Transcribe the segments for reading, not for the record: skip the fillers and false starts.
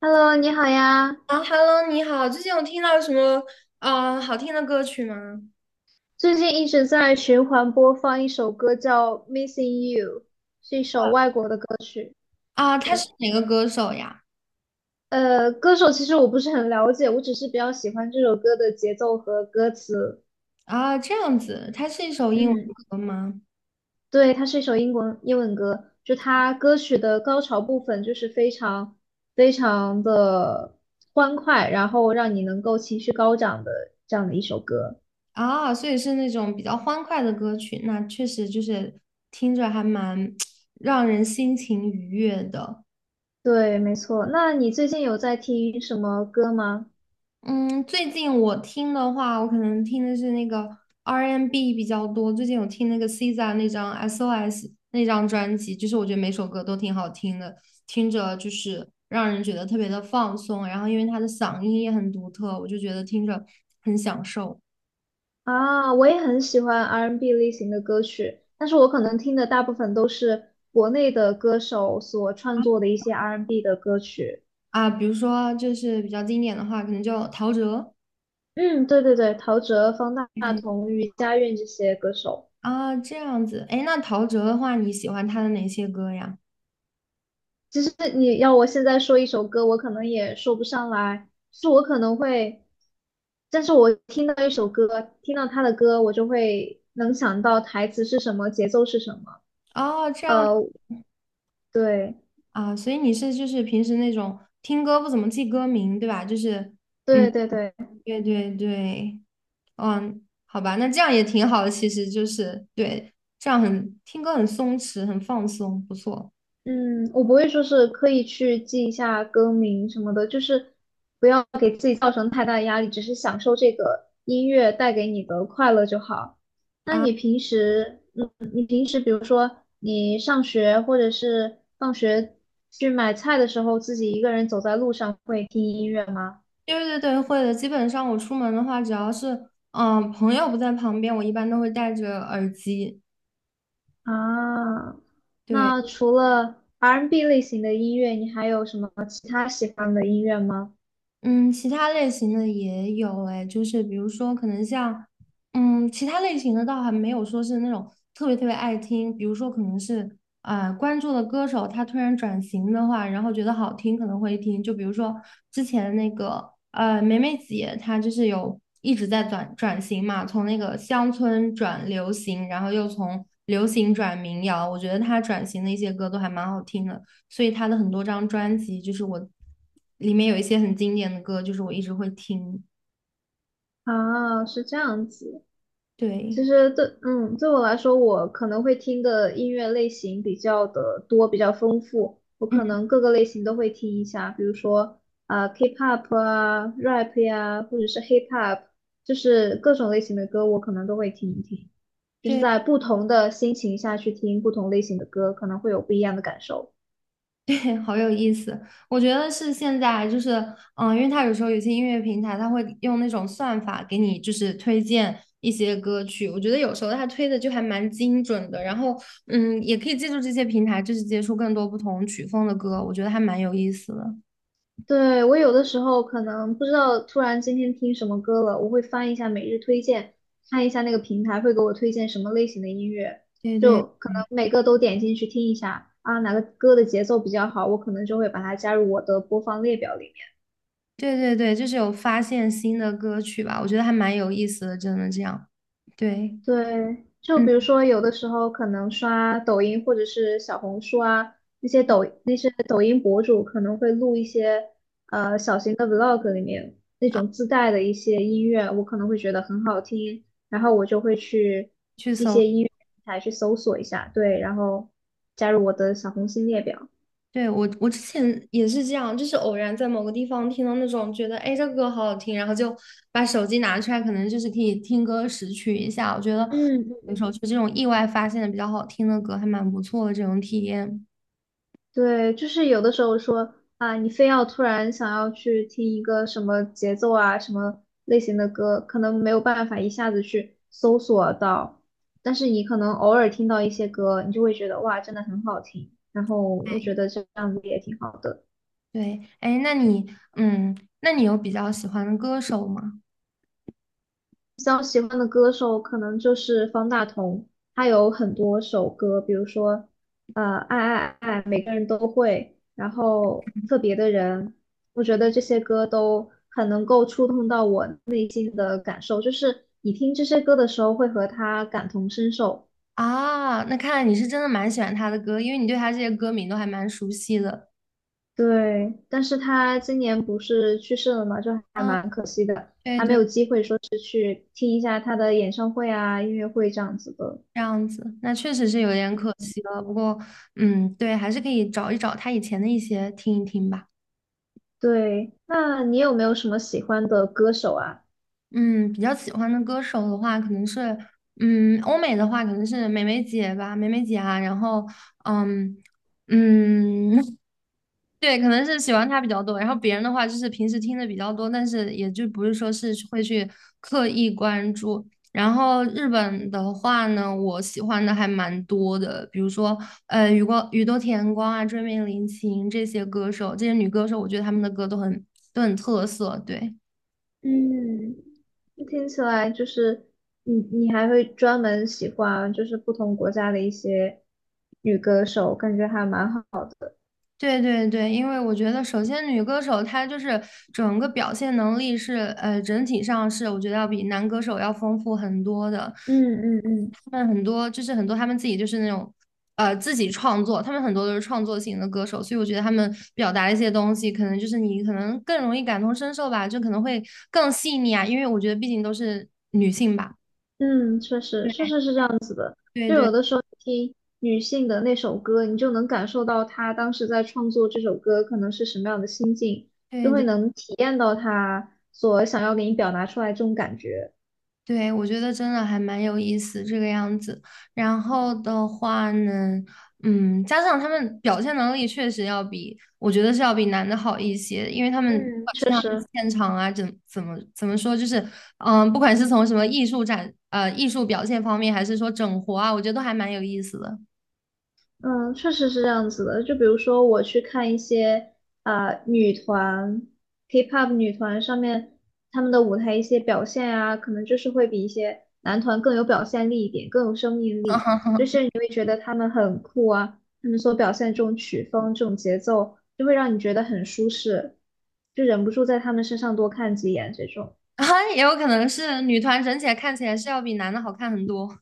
Hello，你好呀！啊，Hello，你好，最近有听到什么好听的歌曲吗？最近一直在循环播放一首歌，叫《Missing You》，是一首外国的歌曲。啊，他是对，哪个歌手呀？歌手其实我不是很了解，我只是比较喜欢这首歌的节奏和歌词。啊，这样子，他是一首英文嗯，歌吗？对，它是一首英国英文歌，就它歌曲的高潮部分就是非常非常的欢快，然后让你能够情绪高涨的这样的一首歌。啊，所以是那种比较欢快的歌曲，那确实就是听着还蛮 让人心情愉悦的。对，没错。那你最近有在听什么歌吗？嗯，最近我听的话，我可能听的是那个 R&B N 比较多。最近有听那个 SZA 那张 SOS 那张专辑，就是我觉得每首歌都挺好听的，听着就是让人觉得特别的放松。然后因为他的嗓音也很独特，我就觉得听着很享受啊，我也很喜欢 R&B n 类型的歌曲，但是我可能听的大部分都是国内的歌手所创作的一些 R&B n 的歌曲。啊。比如说就是比较经典的话，可能就陶喆。嗯，对对对，陶喆、方大嗯同、余佳韵这些歌手。啊，这样子。哎，那陶喆的话，你喜欢他的哪些歌呀？其实你要我现在说一首歌，我可能也说不上来，就是我可能会，但是我听到一首歌，听到他的歌，我就会能想到台词是什么，节奏是什么。哦，这样。呃，对啊，所以你是就是平时那种听歌不怎么记歌名，对吧？就是，嗯，对对对。对对对，嗯，好吧，那这样也挺好的，其实就是对，这样很听歌很松弛，很放松，不错嗯，我不会说是刻意去记一下歌名什么的，就是不要给自己造成太大的压力，只是享受这个音乐带给你的快乐就好。那啊。你平时，嗯，你平时比如说你上学或者是放学去买菜的时候，自己一个人走在路上会听音乐吗？对对对，会的。基本上我出门的话，只要是朋友不在旁边，我一般都会戴着耳机。啊，对。那除了 R&B n 类型的音乐，你还有什么其他喜欢的音乐吗？嗯，其他类型的也有哎，就是比如说可能像，其他类型的倒还没有说是那种特别特别爱听，比如说可能是关注的歌手他突然转型的话，然后觉得好听可能会听，就比如说之前那个梅梅姐她就是有一直在转型嘛，从那个乡村转流行，然后又从流行转民谣，我觉得她转型的一些歌都还蛮好听的。所以他的很多张专辑，就是我里面有一些很经典的歌，就是我一直会听。啊，是这样子。其对，实对，嗯，对我来说，我可能会听的音乐类型比较的多，比较丰富。我可嗯，能各个类型都会听一下，比如说啊、K-pop 啊、rap 呀、或者是 hip hop，就是各种类型的歌，我可能都会听一听。就是对在不同的心情下去听不同类型的歌，可能会有不一样的感受。对，好有意思。我觉得是现在就是，因为他有时候有些音乐平台，他会用那种算法给你就是推荐一些歌曲，我觉得有时候他推的就还蛮精准的。然后，也可以借助这些平台，就是接触更多不同曲风的歌，我觉得还蛮有意思的。对，我有的时候可能不知道，突然今天听什么歌了，我会翻一下每日推荐，看一下那个平台会给我推荐什么类型的音乐，对对就可能每个都点进去听一下啊，哪个歌的节奏比较好，我可能就会把它加入我的播放列表里。对对对，就是有发现新的歌曲吧，我觉得还蛮有意思的，真的这样。对，对，就比如嗯，说有的时候可能刷抖音或者是小红书啊，那些抖音博主可能会录一些小型的 vlog 里面那种自带的一些音乐，我可能会觉得很好听，然后我就会去去一搜。些音乐平台去搜索一下，对，然后加入我的小红心列表。对，我之前也是这样，就是偶然在某个地方听到那种觉得，哎，这个歌好好听，然后就把手机拿出来，可能就是可以听歌识曲一下。我觉得嗯。有时候就这种意外发现的比较好听的歌，还蛮不错的这种体验。对，就是有的时候说啊，你非要突然想要去听一个什么节奏啊、什么类型的歌，可能没有办法一下子去搜索到，但是你可能偶尔听到一些歌，你就会觉得哇，真的很好听。然后我觉得这样子也挺好的。对，哎，那你，嗯，那你有比较喜欢的歌手吗？比较喜欢的歌手可能就是方大同，他有很多首歌，比如说爱爱爱，每个人都会，然后特别的人，我觉得这些歌都很能够触动到我内心的感受，就是你听这些歌的时候会和他感同身受。啊，那看来你是真的蛮喜欢他的歌，因为你对他这些歌名都还蛮熟悉的。对，但是他今年不是去世了嘛，就还嗯，蛮可惜的，对还没对。有机会说去听一下他的演唱会啊、音乐会这样子的。这样子，那确实是有点可惜了。不过，嗯，对，还是可以找一找他以前的一些听一听吧。对，那你有没有什么喜欢的歌手啊？嗯，比较喜欢的歌手的话，可能是，欧美的话可能是梅梅姐吧，梅梅姐啊。然后，嗯嗯，对，可能是喜欢他比较多，然后别人的话就是平时听的比较多，但是也就不是说是会去刻意关注。然后日本的话呢，我喜欢的还蛮多的，比如说宇多田光啊、追名林檎这些歌手，这些女歌手，我觉得她们的歌都很特色。对，嗯，听起来就是你，你还会专门喜欢就是不同国家的一些女歌手，感觉还蛮好。的。对对对，因为我觉得，首先女歌手她就是整个表现能力是，整体上是我觉得要比男歌手要丰富很多的。嗯嗯他们很多就是很多他们自己就是那种，自己创作，他们很多都是创作型的歌手，所以我觉得他们表达的一些东西，可能就是你可能更容易感同身受吧，就可能会更细腻啊，因为我觉得毕竟都是女性吧。嗯，嗯，确实，确实是这样子的。对就有对的时候你听女性的那首歌，你就能感受到她当时在创作这首歌可能是什么样的心境，就对会对能体验到她所想要给你表达出来这种感觉。对，我觉得真的还蛮有意思这个样子。然后的话呢，加上他们表现能力确实要比，我觉得是要比男的好一些，因为他们不嗯，管是确他们实。现场啊，怎么说，就是，不管是从什么艺术展，艺术表现方面，还是说整活啊，我觉得都还蛮有意思的。嗯，确实是这样子的。就比如说，我去看一些啊、女团、K-pop 女团上面他们的舞台一些表现啊，可能就是会比一些男团更有表现力一点，更有生命力。就以你 会觉得他们很酷啊，他们所表现这种曲风、这种节奏，就会让你觉得很舒适，就忍不住在他们身上多看几眼这种。啊，也有可能是女团整体来看起来是要比男的好看很多。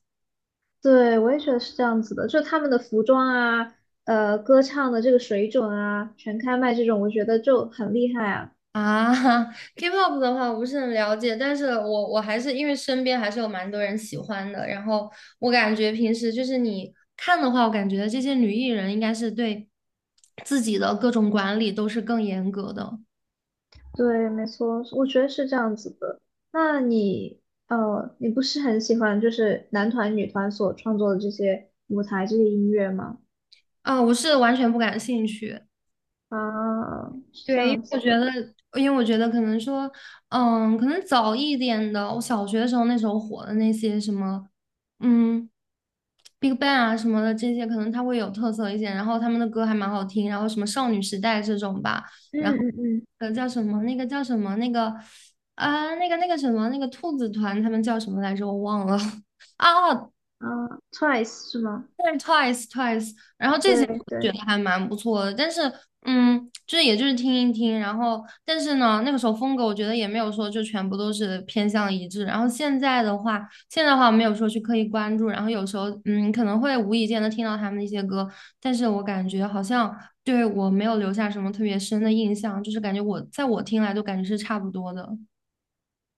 对，我也觉得是这样子的，就他们的服装啊，歌唱的这个水准啊，全开麦这种，我觉得就很厉害啊。啊 ，K-pop 的话我不是很了解，但是我还是因为身边还是有蛮多人喜欢的，然后我感觉平时就是你看的话，我感觉这些女艺人应该是对自己的各种管理都是更严格的对，没错，我觉得是这样子的。那你，你不是很喜欢就是男团、女团所创作的这些舞台这些音乐吗？啊，我是完全不感兴趣。啊，是这对，因为样我子觉的。得，可能说，可能早一点的，我小学的时候那时候火的那些什么，嗯，Big Bang 啊什么的这些，可能它会有特色一些，然后他们的歌还蛮好听，然后什么少女时代这种吧，然后嗯嗯叫什么那个那个什么那个兔子团他们叫什么来着我忘了 啊，嗯，啊，Twice 是吗？对，Twice，然后这些对我觉对。得还蛮不错的，但是就是也就是听一听，然后但是呢，那个时候风格我觉得也没有说就全部都是偏向一致，然后现在的话，现在的话没有说去刻意关注，然后有时候可能会无意间的听到他们的一些歌，但是我感觉好像对我没有留下什么特别深的印象，就是感觉我在我听来都感觉是差不多的，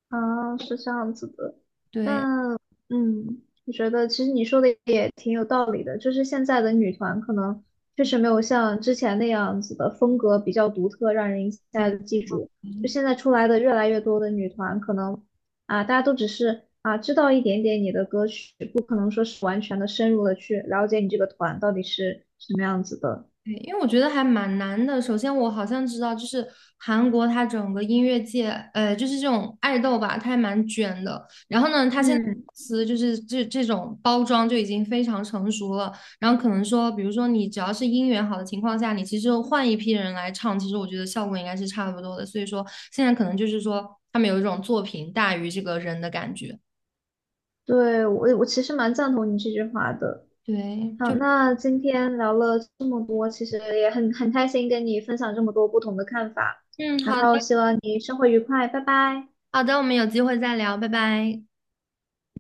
啊，是这样子的，对但我觉得其实你说的也挺有道理的，就是现在的女团可能确实没有像之前那样子的风格比较独特，让人一下对。子记住。就现在出来的越来越多的女团，可能啊，大家都只是啊知道一点点你的歌曲，不可能说是完全的深入的去了解你这个团到底是什么样子的。对，因为我觉得还蛮难的。首先，我好像知道，就是韩国它整个音乐界，就是这种爱豆吧，它还蛮卷的。然后呢，它现在嗯，公司就是这种包装就已经非常成熟了。然后可能说，比如说你只要是音源好的情况下，你其实换一批人来唱，其实我觉得效果应该是差不多的。所以说，现在可能就是说，他们有一种作品大于这个人的感觉。对，我其实蛮赞同你这句话的。对，好，就那今天聊了这么多，其实也很开心跟你分享这么多不同的看法，嗯，然好后的，希望你生活愉快，拜拜。好的，我们有机会再聊，拜拜。